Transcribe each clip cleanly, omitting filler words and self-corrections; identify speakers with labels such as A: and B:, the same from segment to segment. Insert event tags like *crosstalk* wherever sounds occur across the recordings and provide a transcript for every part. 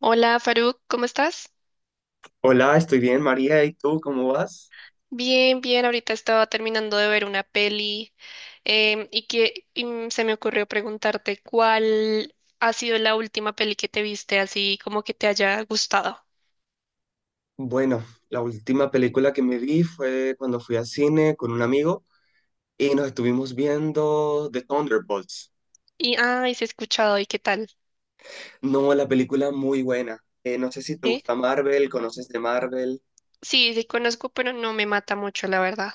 A: Hola Faruk, ¿cómo estás?
B: Hola, estoy bien, María. ¿Y tú cómo vas?
A: Bien, bien, ahorita estaba terminando de ver una peli, se me ocurrió preguntarte cuál ha sido la última peli que te viste así como que te haya gustado.
B: Bueno, la última película que me vi fue cuando fui al cine con un amigo y nos estuvimos viendo The Thunderbolts.
A: Y ay, se ha escuchado y qué tal,
B: No, la película muy buena. No sé si te
A: ¿eh?
B: gusta Marvel, conoces de Marvel,
A: Sí, sí conozco, pero no me mata mucho, la verdad.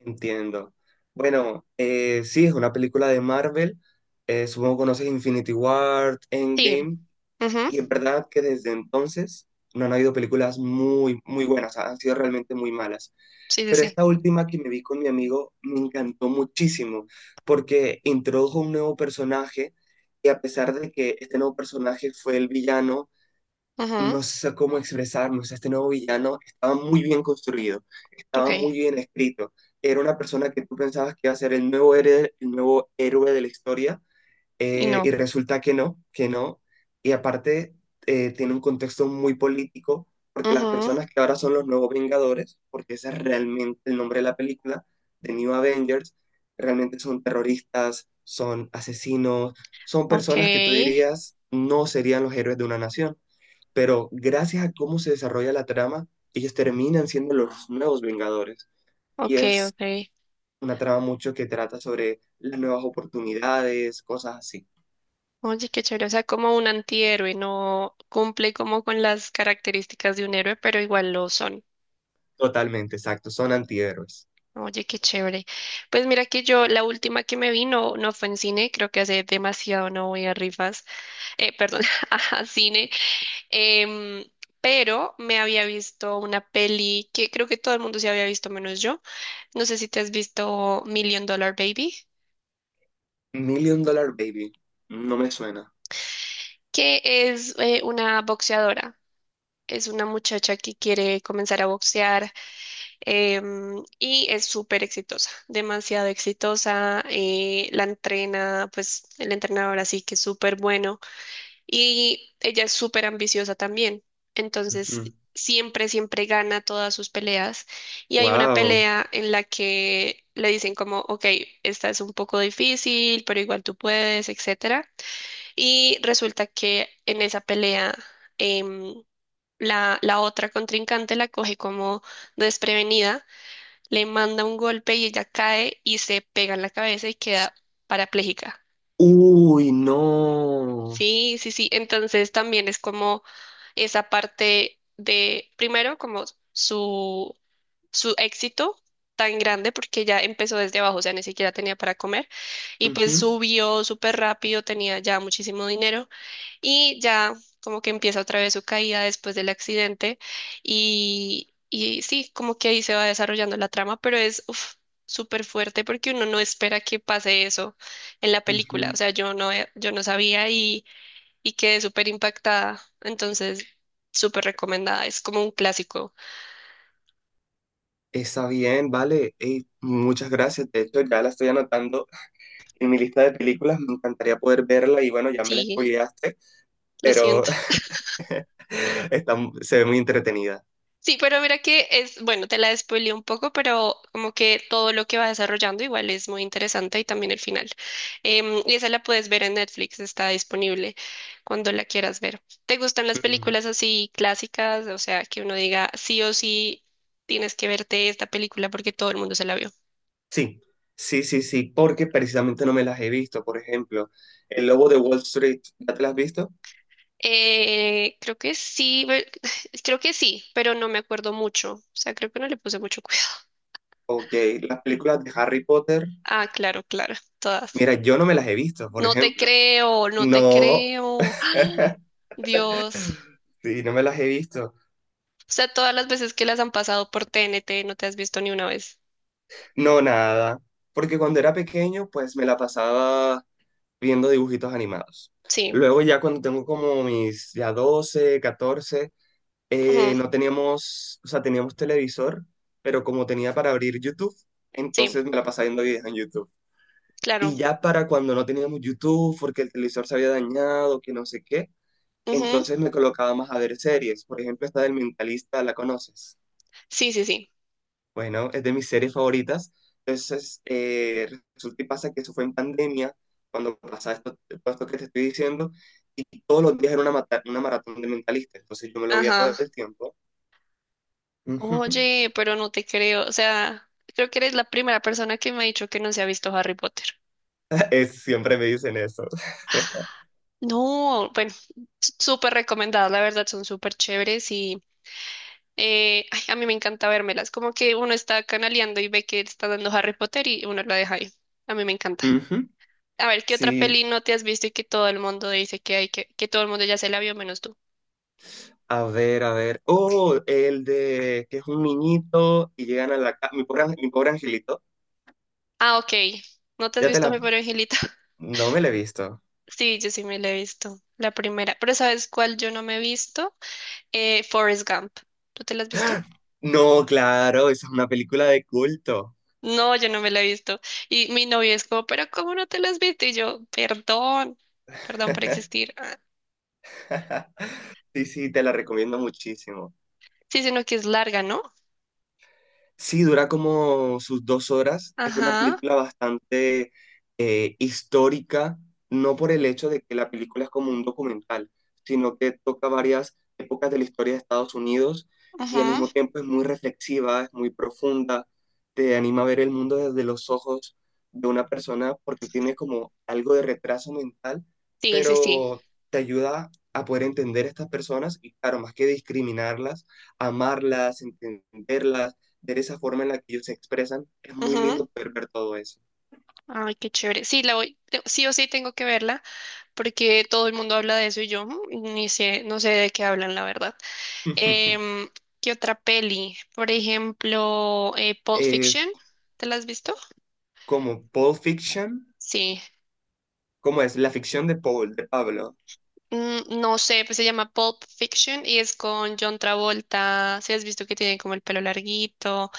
B: entiendo. Bueno, sí, es una película de Marvel. Supongo que conoces Infinity War,
A: Sí,
B: Endgame.
A: ujú.
B: Y en verdad que desde entonces no han habido películas muy, muy buenas, han sido realmente muy malas.
A: Sí, sí,
B: Pero
A: sí.
B: esta última que me vi con mi amigo me encantó muchísimo porque introdujo un nuevo personaje y a pesar de que este nuevo personaje fue el villano,
A: Ujú.
B: no sé cómo expresarnos, este nuevo villano estaba muy bien construido,
A: Ok,
B: estaba muy bien escrito. Era una persona que tú pensabas que iba a ser el nuevo héroe de la historia,
A: y
B: y
A: no.
B: resulta que no, que no. Y aparte, tiene un contexto muy político, porque las
A: Ujú.
B: personas que ahora son los nuevos Vengadores, porque ese es realmente el nombre de la película, The New Avengers, realmente son terroristas, son asesinos, son
A: Ok,
B: personas que tú dirías no serían los héroes de una nación. Pero gracias a cómo se desarrolla la trama, ellos terminan siendo los nuevos Vengadores. Y
A: ok,
B: es
A: ok.
B: una trama mucho que trata sobre las nuevas oportunidades, cosas así.
A: Oye, qué chévere, o sea, como un antihéroe, no cumple como con las características de un héroe, pero igual lo son.
B: Totalmente, exacto, son antihéroes.
A: Oye, qué chévere. Pues mira que yo, la última que me vi no, no fue en cine, creo que hace demasiado no voy a rifas, perdón, *laughs* a cine, em, pero me había visto una peli que creo que todo el mundo se había visto menos yo. No sé si te has visto Million Dollar Baby,
B: Million Dollar Baby, no me suena.
A: que es una boxeadora, es una muchacha que quiere comenzar a boxear, y es súper exitosa, demasiado exitosa. La entrena, pues el entrenador así que es súper bueno y ella es súper ambiciosa también.
B: Ujú.
A: Entonces, siempre gana todas sus peleas. Y hay una
B: Wow.
A: pelea en la que le dicen como, ok, esta es un poco difícil, pero igual tú puedes, etcétera. Y resulta que en esa pelea... em, la otra contrincante la coge como desprevenida, le manda un golpe y ella cae y se pega en la cabeza y queda parapléjica.
B: Uy, no.
A: Sí, sí, sí. Entonces también es como esa parte de, primero, como su, su éxito tan grande porque ya empezó desde abajo, o sea, ni siquiera tenía para comer y
B: Ujú,
A: pues subió súper rápido, tenía ya muchísimo dinero y ya, como que empieza otra vez su caída después del accidente y sí, como que ahí se va desarrollando la trama, pero es uf, súper fuerte porque uno no espera que pase eso en la película.
B: ujú.
A: O sea, yo no, yo no sabía y quedé súper impactada. Entonces, súper recomendada. Es como un clásico.
B: Está bien, vale. Ey, muchas gracias. De hecho, ya la estoy anotando en mi lista de películas. Me encantaría poder verla y bueno, ya me la
A: Sí,
B: spoileaste,
A: lo
B: pero
A: siento.
B: *laughs* está, se ve muy entretenida.
A: Sí, pero mira que es, bueno, te la spoileé un poco, pero como que todo lo que va desarrollando igual es muy interesante y también el final. Y esa la puedes ver en Netflix, está disponible cuando la quieras ver. ¿Te gustan las
B: Mm,
A: películas así clásicas? O sea, que uno diga sí o sí tienes que verte esta película porque todo el mundo se la vio.
B: sí, sí, sí, sí, porque precisamente no me las he visto. Por ejemplo, El Lobo de Wall Street, ¿ya te las has visto?
A: Creo que sí, *laughs* *sighs* creo que sí, pero no me acuerdo mucho. O sea, creo que no le puse mucho cuidado.
B: Ok, las películas de Harry Potter,
A: Ah, claro, claro, todas.
B: mira, yo no me las he visto, por
A: No te
B: ejemplo.
A: creo, no te
B: No,
A: creo. Ay,
B: *laughs*
A: Dios.
B: sí, no me las he visto.
A: O sea, todas las veces que las han pasado por TNT no te has visto ni una vez.
B: No, nada. Porque cuando era pequeño, pues me la pasaba viendo dibujitos animados.
A: Sí,
B: Luego ya cuando tengo como mis ya 12, 14,
A: ujú.
B: no teníamos, o sea, teníamos televisor, pero como tenía para abrir YouTube,
A: Sí,
B: entonces me la pasaba viendo videos en YouTube.
A: claro.
B: Y ya para cuando no teníamos YouTube, porque el televisor se había dañado, que no sé qué.
A: Ujú.
B: Entonces me colocaba más a ver series. Por ejemplo, esta del Mentalista, ¿la conoces?
A: Sí, sí, sí.
B: Bueno, es de mis series favoritas. Entonces, resulta y pasa que eso fue en pandemia, cuando pasaba esto, todo esto que te estoy diciendo, y todos los días era una, una maratón de Mentalista. Entonces yo me lo veía
A: Ajá.
B: todo el tiempo. Ujú. *laughs*
A: Oye, pero no te creo. O sea, creo que eres la primera persona que me ha dicho que no se ha visto Harry Potter.
B: Siempre me dicen eso. *laughs*
A: No, bueno, súper recomendadas, la verdad, son súper chéveres y ay, a mí me encanta vérmelas. Como que uno está canaleando y ve que está dando Harry Potter y uno la deja ahí. A mí me encanta.
B: Ujú.
A: A ver, ¿qué otra
B: Sí,
A: peli no te has visto y que todo el mundo dice que hay que todo el mundo ya se la vio menos tú?
B: a ver, a ver. Oh, el de que es un niñito y llegan a la casa. Mi pobre angelito.
A: Ah, ok. ¿No te has
B: Ya te
A: visto
B: la.
A: Mi pobre Angelita? *laughs*
B: No me la he visto.
A: Sí, yo sí me la he visto. La primera. Pero ¿sabes cuál yo no me he visto? Forrest Gump. ¿Tú te la has visto?
B: No, claro, esa es una película de culto.
A: No, yo no me la he visto. Y mi novio es como, pero ¿cómo no te la has visto? Y yo, perdón, perdón por
B: *laughs*
A: existir. Ah,
B: Sí, sí, te la recomiendo muchísimo.
A: sí, sino que es larga, ¿no?
B: Sí, dura como sus 2 horas. Es una
A: Ajá,
B: película bastante histórica, no por el hecho de que la película es como un documental, sino que toca varias épocas de la historia de Estados Unidos y al
A: ajá.
B: mismo tiempo es muy reflexiva, es muy profunda, te anima a ver el mundo desde los ojos de una persona porque tiene como algo de retraso mental,
A: Sí, sí, sí.
B: pero te ayuda a poder entender a estas personas y claro, más que discriminarlas, amarlas, entenderlas de esa forma en la que ellos se expresan, es muy lindo poder ver todo eso.
A: Ay, qué chévere. Sí, la voy, sí o sí tengo que verla porque todo el mundo habla de eso y yo mm, ni sé, no sé de qué hablan, la verdad.
B: *laughs*
A: Em, ¿Qué otra peli? Por ejemplo, Pulp
B: Eh,
A: Fiction. ¿Te la has visto?
B: Como Paul Fiction,
A: Sí.
B: ¿cómo es? La ficción de Paul, de Pablo.
A: Mm, no sé, pues se llama Pulp Fiction y es con John Travolta. Si has visto que tiene como el pelo larguito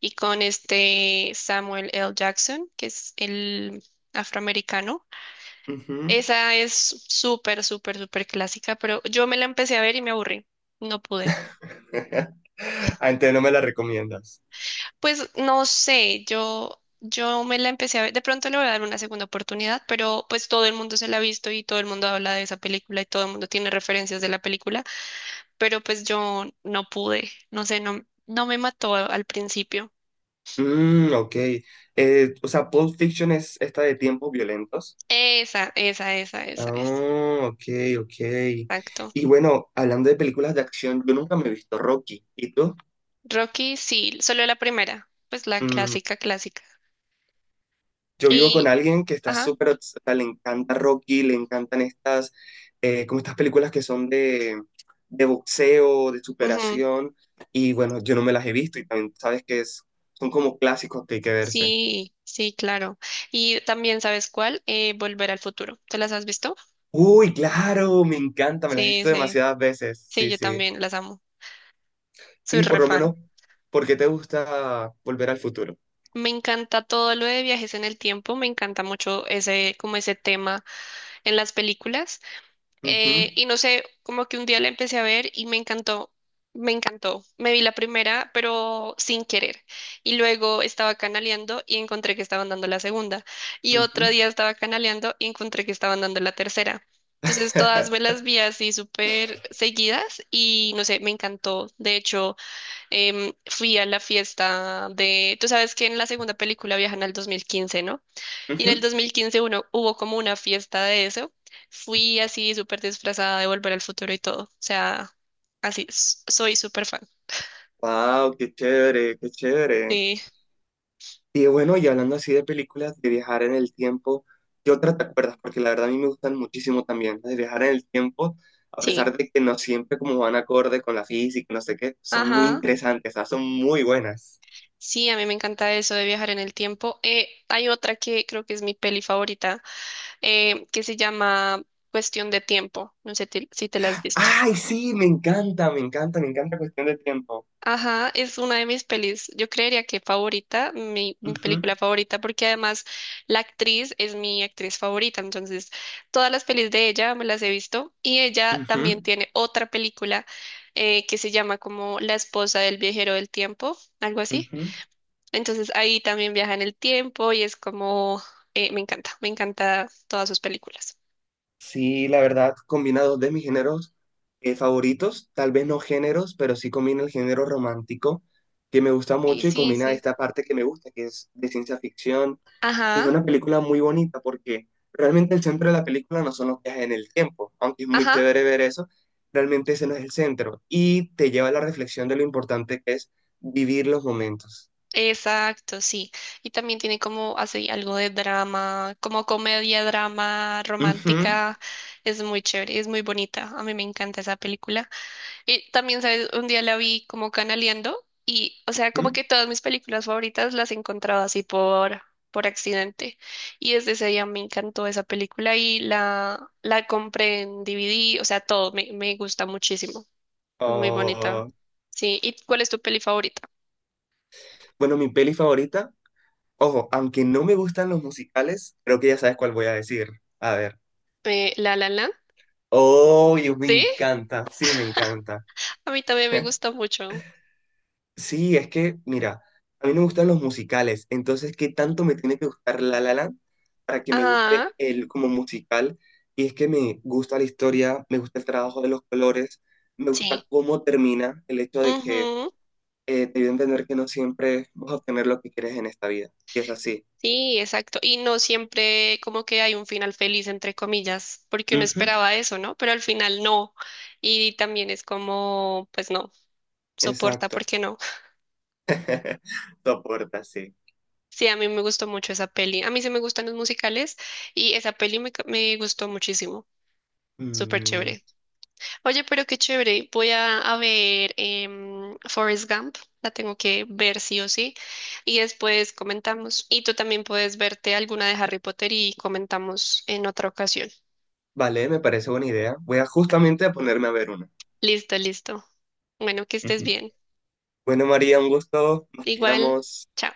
A: y con este Samuel L. Jackson, que es el afroamericano.
B: Ujú.
A: Esa es súper clásica, pero yo me la empecé a ver y me aburrí. No pude.
B: *laughs* Ah, entonces no me la recomiendas.
A: Pues no sé, yo me la empecé a ver. De pronto le voy a dar una segunda oportunidad, pero pues todo el mundo se la ha visto y todo el mundo habla de esa película y todo el mundo tiene referencias de la película, pero pues yo no pude. No sé, no, no me mató al principio.
B: Mm, ok. O sea, Pulp Fiction es esta de tiempos violentos.
A: Esa es.
B: Ah, ok, ok.
A: Exacto.
B: Y bueno, hablando de películas de acción, yo nunca me he visto Rocky. ¿Y tú?
A: Rocky, sí, solo la primera, pues la
B: Mm,
A: clásica, clásica.
B: yo vivo con
A: Y,
B: alguien que está
A: ajá.
B: súper, o sea, le encanta Rocky, le encantan estas, como estas películas que son de boxeo, de superación, y bueno, yo no me las he visto y también sabes que es, son como clásicos que hay que verse.
A: Sí, sí, claro. Y también, ¿sabes cuál? Volver al futuro. ¿Te las has visto?
B: Uy, claro, me encanta, me las he
A: Sí,
B: visto
A: sí,
B: demasiadas veces,
A: sí,
B: sí,
A: yo
B: sí.
A: también las amo. Soy
B: Y por
A: re
B: lo
A: fan.
B: menos, ¿por qué te gusta Volver al Futuro?
A: Me encanta todo lo de viajes en el tiempo, me encanta mucho ese, como ese tema en las películas.
B: Ujú,
A: Y no sé, como que un día la empecé a ver y me encantó, me encantó. Me vi la primera, pero sin querer. Y luego estaba canaleando y encontré que estaban dando la segunda. Y
B: ujú,
A: otro día estaba canaleando y encontré que estaban dando la tercera. Entonces todas me
B: *laughs*
A: las vi así súper seguidas y no sé, me encantó. De hecho, fui a la fiesta de, tú sabes que en la segunda película viajan al 2015, ¿no? Y en el
B: ujú.
A: 2015 uno, hubo como una fiesta de eso. Fui así súper disfrazada de Volver al Futuro y todo. O sea, así, soy súper fan.
B: Wow, qué chévere, qué chévere.
A: Sí,
B: Y bueno, y hablando así de películas, de viajar en el tiempo, ¿qué otra te acuerdas? Porque la verdad a mí me gustan muchísimo también las de viajar en el tiempo, a
A: sí.
B: pesar de que no siempre como van acorde con la física, no sé qué, son muy
A: Ajá.
B: interesantes, o sea, son muy buenas.
A: Sí, a mí me encanta eso de viajar en el tiempo. Hay otra que creo que es mi peli favorita, que se llama Cuestión de Tiempo. No sé si te la has visto.
B: ¡Ay, sí! Me encanta, me encanta, me encanta Cuestión de Tiempo.
A: Ajá, es una de mis pelis, yo creería que favorita, mi
B: Ujú,
A: película favorita, porque además la actriz es mi actriz favorita, entonces todas las pelis de ella me las he visto y ella
B: ujú,
A: también tiene otra película que se llama como La esposa del viajero del tiempo, algo así.
B: ujú.
A: Entonces ahí también viaja en el tiempo y es como, me encanta todas sus películas.
B: Sí, la verdad, combina dos de mis géneros favoritos, tal vez no géneros, pero sí combina el género romántico, que me gusta
A: Sí,
B: mucho y
A: sí,
B: combina
A: sí.
B: esta parte que me gusta, que es de ciencia ficción. Es
A: Ajá,
B: una película muy bonita porque realmente el centro de la película no son los viajes en el tiempo, aunque es muy
A: ajá.
B: chévere ver eso, realmente ese no es el centro. Y te lleva a la reflexión de lo importante que es vivir los momentos.
A: Exacto, sí. Y también tiene como así algo de drama, como comedia, drama,
B: Ujú,
A: romántica. Es muy chévere, es muy bonita. A mí me encanta esa película. Y también, ¿sabes? Un día la vi como canaleando y, o sea, como
B: ujú.
A: que todas mis películas favoritas las he encontrado así por accidente. Y desde ese día me encantó esa película y la compré en DVD, o sea, todo, me gusta muchísimo. Es muy bonita.
B: Oh,
A: Sí. ¿Y cuál es tu peli favorita?
B: bueno, mi peli favorita. Ojo, aunque no me gustan los musicales, creo que ya sabes cuál voy a decir. A ver.
A: La La Land.
B: Oh, me
A: ¿Sí?
B: encanta. Sí, me encanta.
A: A mí también me gusta mucho.
B: Sí, es que, mira, a mí no me gustan los musicales. Entonces, ¿qué tanto me tiene que gustar La La Land para que me
A: Ah,
B: guste él como musical? Y es que me gusta la historia, me gusta el trabajo de los colores, me
A: sí.
B: gusta cómo termina el hecho de que
A: Ujú.
B: te dio a entender que no siempre vas a obtener lo que quieres en esta vida. Y es así.
A: Sí, exacto. Y no siempre como que hay un final feliz, entre comillas, porque uno
B: Ujú,
A: esperaba eso, ¿no? Pero al final no. Y también es como, pues no, soporta,
B: exacto.
A: ¿por qué no?
B: *laughs* Soporta, sí.
A: Sí, a mí me gustó mucho esa peli. A mí sí me gustan los musicales y esa peli me, me gustó muchísimo. Súper
B: Mm,
A: chévere. Oye, pero qué chévere. Voy a ver Forrest Gump. La tengo que ver sí o sí. Y después comentamos. Y tú también puedes verte alguna de Harry Potter y comentamos en otra ocasión.
B: vale, me parece buena idea. Voy a justamente a ponerme a ver una.
A: Listo, listo. Bueno, que estés
B: Ujú.
A: bien.
B: Bueno, María, un gusto. Nos
A: Igual,
B: pillamos.
A: chao.